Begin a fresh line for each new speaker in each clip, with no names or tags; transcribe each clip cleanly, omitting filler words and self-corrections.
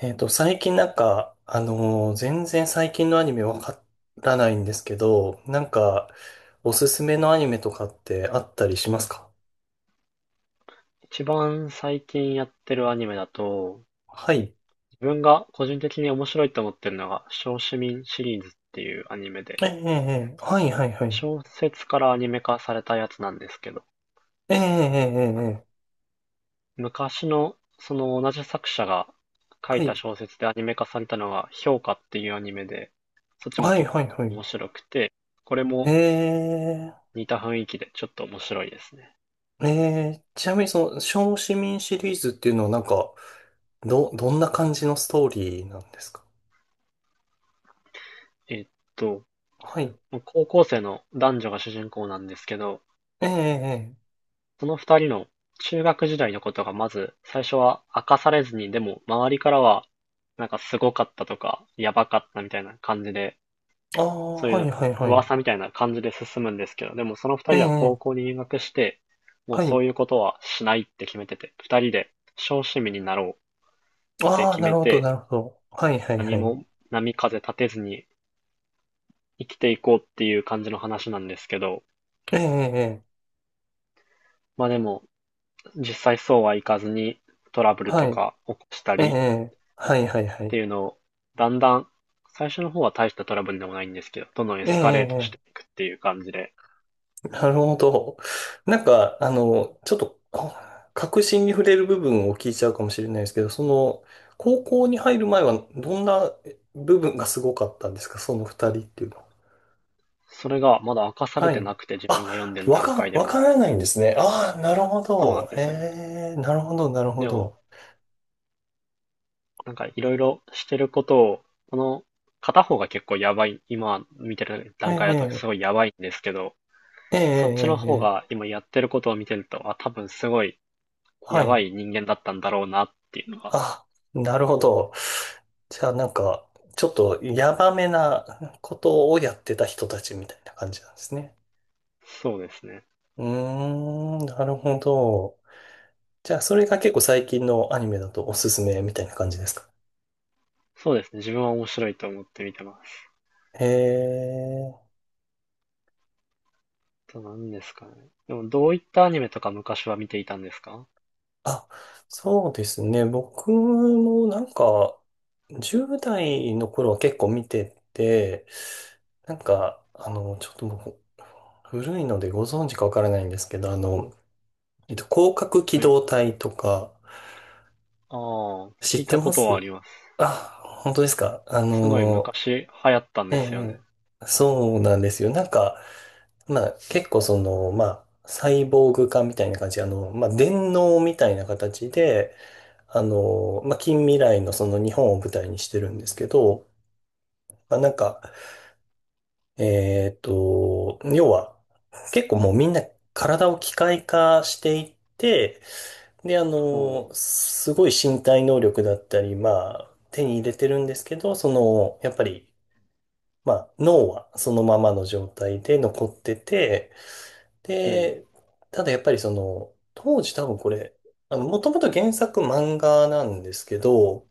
最近なんか、全然最近のアニメわからないんですけど、なんか、おすすめのアニメとかってあったりしますか？
一番最近やってるアニメだと、
はい。
自分が個人的に面白いと思ってるのが、小市民シリーズっていうアニメで、
ええ、ええ、ええ、はい、はい、はい。
小説からアニメ化されたやつなんですけど、
ええ、ええ、え
は
え、
い、
ええ、
昔のその同じ作者が書
は
いた
い、
小説でアニメ化されたのが、評価っていうアニメで、そっちも
はい、
結
はい、
構
はい。
面白くて、これも
ええ、
似た雰囲気でちょっと面白いですね。
ええ、ちなみにその、小市民シリーズっていうのはなんか、どんな感じのストーリーなんですか？
えっと、
はい。
高校生の男女が主人公なんですけど、
ええ、ええ、
その二人の、中学時代のことがまず、最初は明かされずに、でも、周りからは、なんかすごかったとか、やばかったみたいな感じで、
ええ、ああ、
そう
は
い
い、
う
はい、はい。
噂みたいな感じで進むんですけど、でもその二
ええ、
人は高校
ええ、
に入学して、もう
は
そ
い。
ういうことはしないって決めてて、二人で小市民になろうって
ああ、
決
な
め
るほど、
て、
なるほど。はいはいは
何
い。
も波風立てずに生きていこうっていう感じの話なんですけど、
ええ、え
まあでも、実際そうはいかずにトラブ
え、
ル
は
と
い。
か起こした
え
り、
え、はいは
っ
いはい。
ていうのを、だんだん、最初の方は大したトラブルでもないんですけど、どんどんエ
ええ、
スカレートして
え
いくっていう感じで。
え、なるほど。なんか、あの、ちょっと、核心に触れる部分を聞いちゃうかもしれないですけど、その、高校に入る前はどんな部分がすごかったんですか？その二人っていうのは。
それがまだ明かされ
は
て
い。
なくて自分が読ん
あ、
でる段階で
わ
も。
からないんですね。ああ、なるほ
そうなん
ど。
で
え
すよね。
え、なるほど、なるほ
でも、
ど。
なんかいろいろしてることを、この片方が結構やばい、今見てる
え
段階だとす
え、
ごいやばいんですけど、
ええ、
そっちの
ええ、え
方が
え、
今やってることを見てると、あ、多分すごい
は
やば
い。
い人間だったんだろうなっていうのが。
あ、なるほど。じゃあなんか、ちょっとヤバめなことをやってた人たちみたいな感じなんですね。
そうですね。
うーん、なるほど。じゃあそれが結構最近のアニメだとおすすめみたいな感じですか？
そうですね。自分は面白いと思って見てます。
へえ。
と何ですかね。でもどういったアニメとか昔は見ていたんですか？
あ、そうですね。僕もなんか、10代の頃は結構見てて、なんか、あの、ちょっともう古いのでご存知かわからないんですけど、あの、広角機
はい。
動隊とか、
ああ、
知
聞
っ
い
て
た
ま
ことはあ
す？
ります。
あ、本当ですか。あ
すごい
の、
昔流行ったん
え
ですよ
え、
ね。
そうなんですよ。なんか、まあ結構その、まあ、サイボーグ化みたいな感じ、あの、まあ電脳みたいな形で、あの、まあ近未来のその日本を舞台にしてる
う
んで
ん。
すけど、まあなんか、要は、結構もうみんな体を機械化していって、で、あ
はう。
の、すごい身体能力だったり、まあ、手に入れてるんですけど、その、やっぱり、まあ、脳はそのままの状態で残ってて、
うん。
で、ただやっぱりその、当時多分これ、あの、もともと原作漫画なんですけど、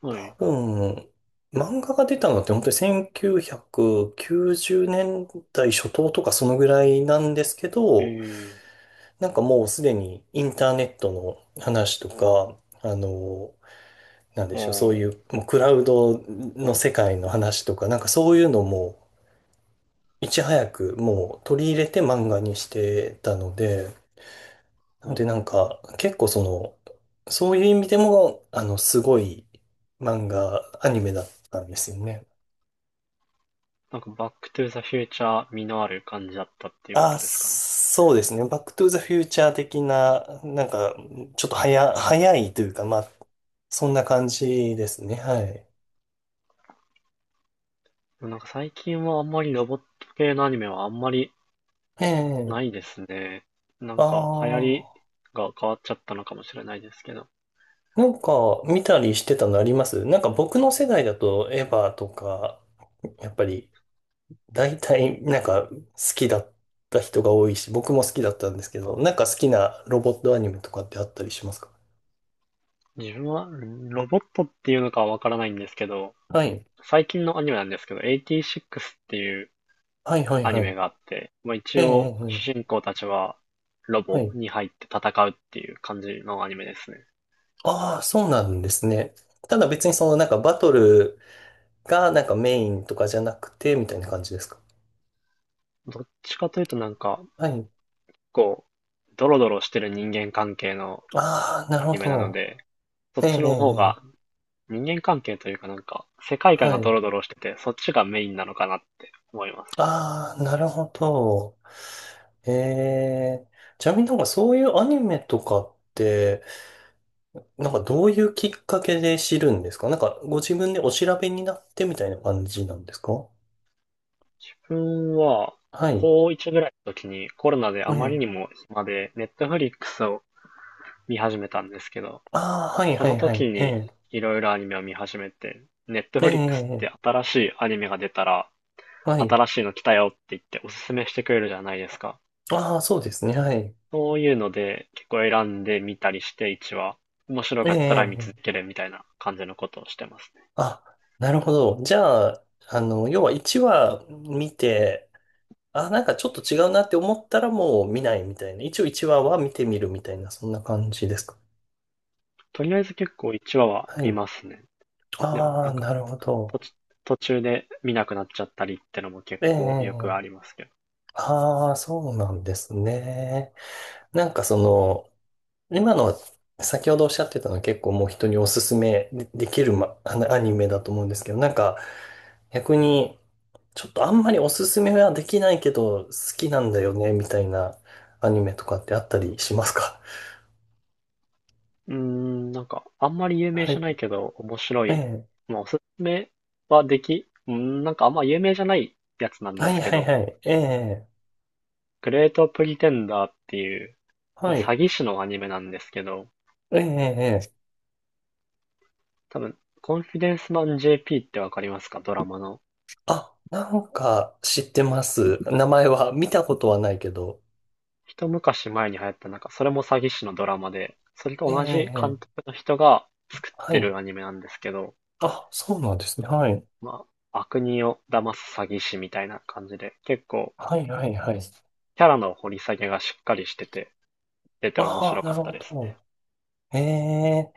は
多
い。
分、漫画が出たのって本当に1990年代初頭とかそのぐらいなんですけど、
ええ
なんかもうすでにインターネットの話とか、あの、なんでしょう、そうい
ー。
う、
あ
もうクラウドの世界の話とか、なんかそういうのも、いち早くもう取り入れて漫画にしてたので、な
あ。う
ので
ん。
なんか結構その、そういう意味でも、あの、すごい漫画、アニメだったんですよね。
なんかバックトゥザフューチャー味のある感じだったっていうこ
あ、
とですかね。
そうですね。バックトゥーザフューチャー的な、なんか、ちょっと早いというか、まあ、そんな感じですね。はい。
でもなんか最近はあんまりロボット系のアニメはあんまり
ええ。
ないですね。な
あ
んか流行り
あ。
が変わっちゃったのかもしれないですけど。
なんか、見たりしてたのあります？なんか僕の世代だと、エヴァとか、やっぱり、大体、なんか、好きだった人が多いし、僕も好きだったんですけど、なんか好きなロボットアニメとかってあったりしますか？
自分はロボットっていうのかはわからないんですけど、
はい。
最近のアニメなんですけど、t 6っていう
はいはい
アニ
はい。
メがあって、まあ、一
ええ、え
応
え、え
主
え、
人公たちはロ
は
ボ
い。
に入って戦うっていう感じのアニメですね。
ああ、そうなんですね。ただ別にそのなんかバトルがなんかメインとかじゃなくて、みたいな感じですか？
どっちかというとなんか、
はい。
こう、ドロドロしてる人間関係の
ああ、な
ア
るほ
ニメなの
ど。
で、そ
え
っ
え、
ち
ええ、
の方
え
が
え、
人間関係というかなんか、世界観が
は
ド
い。
ロドロしてて、そっちがメインなのかなって思いますね。
ああ、なるほど。ええ。ちなみになんかそういうアニメとかって、なんかどういうきっかけで知るんですか？なんかご自分でお調べになってみたいな感じなんですか？
自分は、
は
高
い。
1ぐらいの時にコロナで
え
あまり
え。
にも暇で、ネットフリックスを見始めたんですけど、
ああ、はい
そ
は
の
いは
時
い。え
に
え。
いろいろアニメを見始めて、ネット
え
フリックスっ
え。
て
ええ、
新しいアニメが出たら、
はい。
新しいの来たよって言っておすすめしてくれるじゃないですか。
ああ、そうですね。はい。
そういうので結構選んで見たりして1話、いちわ面白
え
かったら見続
え。
けるみたいな感じのことをしてますね。
あ、なるほど。じゃあ、あの、要は1話見て、あ、なんかちょっと違うなって思ったらもう見ないみたいな。一応1話は見てみるみたいな、そんな感じですか？
とりあえず結構1話は
は
見
い。
ますね。でも
あ
なん
あ、
か
なるほ
途
ど。
中途中で見なくなっちゃったりってのも結
え
構よく
え。
ありますけど。
ああ、そうなんですね。なんかその、今の先ほどおっしゃってたのは結構もう人におすすめでできる、ま、あのアニメだと思うんですけど、なんか逆にちょっとあんまりおすすめはできないけど好きなんだよねみたいなアニメとかってあったりしますか？
うーん、なんか、あんまり 有名
は
じゃない
い。
けど、面白
え
い。
え。
まあ、おすすめはでき、うーん、なんかあんま有名じゃないやつなん
は
で
い
すけ
はい
ど、
はい。ええ。
グレートプリテンダーっていう、
はい。
詐欺師のアニメなんですけど、
ええ。ええ、
多分、コンフィデンスマン JP ってわかりますか？ドラマの。
あ、なんか知ってます。名前は見たことはないけど。
一昔前に流行った、なんか、それも詐欺師のドラマで、それ
え
と
え。
同じ監督
ええ、
の人が作っ
は
て
い。
るアニメなんですけど、
あ、そうなんですね。はい。
まあ、悪人を騙す詐欺師みたいな感じで、結構、
はいはいはい。
キャラの掘り下げがしっかりしてて、出て面
ああ、
白か
なる
った
ほ
です
ど。ええ。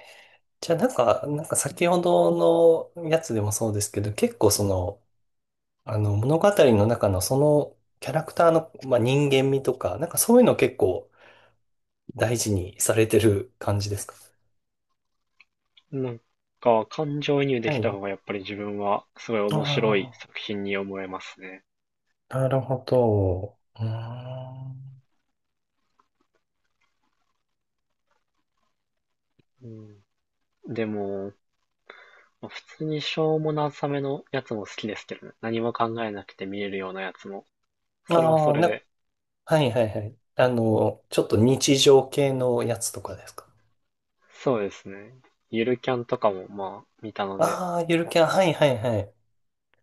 じゃあなんか、なんか先ほどのやつでもそうですけど、結構その、あの物語の中のそのキャラクターの、まあ、人間味とか、なんかそういうの結構大事にされてる感じですか？
ね。なんか、感情移入で
は
きた
い。
方がやっぱり自分はすごい面白い
あ
作品に思えますね。
あ、なるほど。うーん。
うん、でも、普通にしょうもなさめのやつも好きですけどね。何も考えなくて見れるようなやつも。それは
あ
そ
あ、
れで。
はいはいはい。あの、ちょっと日常系のやつとかですか？
そうですね。ゆるキャンとかもまあ見たので、
ああー、ゆるキャン、はいはいはい。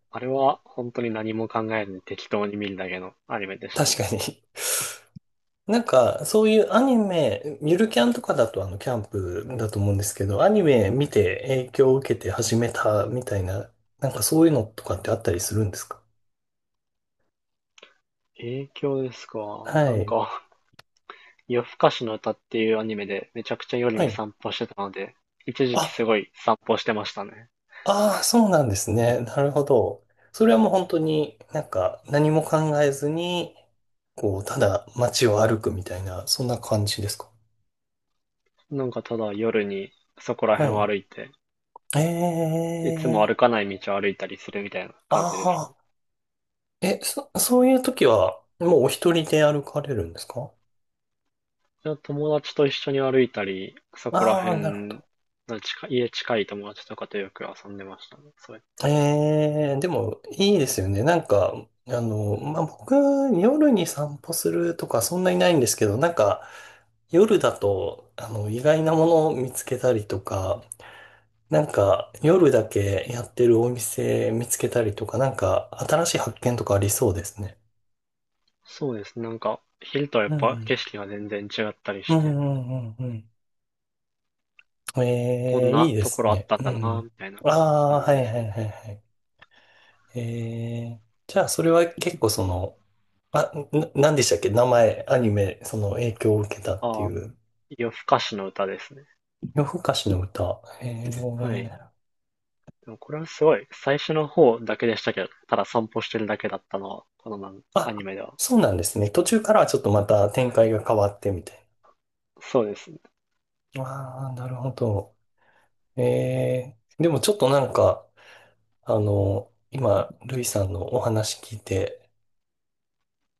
あれは本当に何も考えずに適当に見るだけのアニメでした
確
ね。
かに なんか、そういうアニメ、ゆるキャンとかだとあの、キャンプだと思うんですけど、アニメ見て影響を受けて始めたみたいな、なんかそういうのとかってあったりするんですか？
影響ですか。な
は
ん
い。
か、夜更かしの歌っていうアニメでめちゃくちゃ夜
は
に
い。
散歩してたので、一時期す
あ、
ごい散歩してましたね。
ああ、そうなんですね。なるほど。それはもう本当になんか何も考えずに、こう、ただ街を歩くみたいな、そんな感じですか？
なんかただ夜にそこら
は
辺を歩
い。
いて、いつも
ええ、
歩かない道を歩いたりするみたいな感じですね。
ああ、そういう時は、もうお一人で歩かれるんですか？
友達と一緒に歩いたり、そこら
ああ、なるほ
辺
ど。
の近い、家近い友達とかとよく遊んでましたね。そう
ええ、でも、いいですよね。なんか、あの、まあ、僕、夜に散歩するとか、そんなにないんですけど、なんか、夜だと、あの、意外なものを見つけたりとか、なんか、夜だけやってるお店見つけたりとか、なんか、新しい発見とかありそうですね。
そうです。なんか、昼とはやっ
う
ぱ
ん。
景色が全然違ったり
うん、
して、
うん、うん、うん。
こ
え
ん
え、いい
な
で
とこ
す
ろあっ
ね。
たん
う
だな、み
ん。
たいな
ああ、
感じ
は
で
い、
す
は
ね。
い、はい、はい。ええ。じゃあ、それは結構その、あ、なんでしたっけ、名前、アニメ、その影響を受けたってい
ああ、
う。
夜更かしの歌ですね。
夜更かしの歌。え
はい。
え、
でもこれはすごい、最初の方だけでしたけど、ただ散歩してるだけだったのは、このア
あ、
ニメでは。
そうなんですね。途中からはちょっとまた展開が変わってみたい
そうですね。
な。ああ、なるほど。ええ、でもちょっとなんか、あの、今、ルイさんのお話聞いて、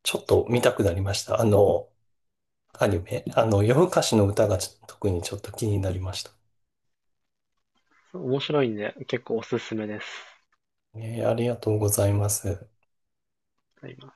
ちょっと見たくなりました。あの、アニメ。あの、夜更かしの歌が特にちょっと気になりました。
面白いんで、結構おすすめです。
ええ、ありがとうございます。
今。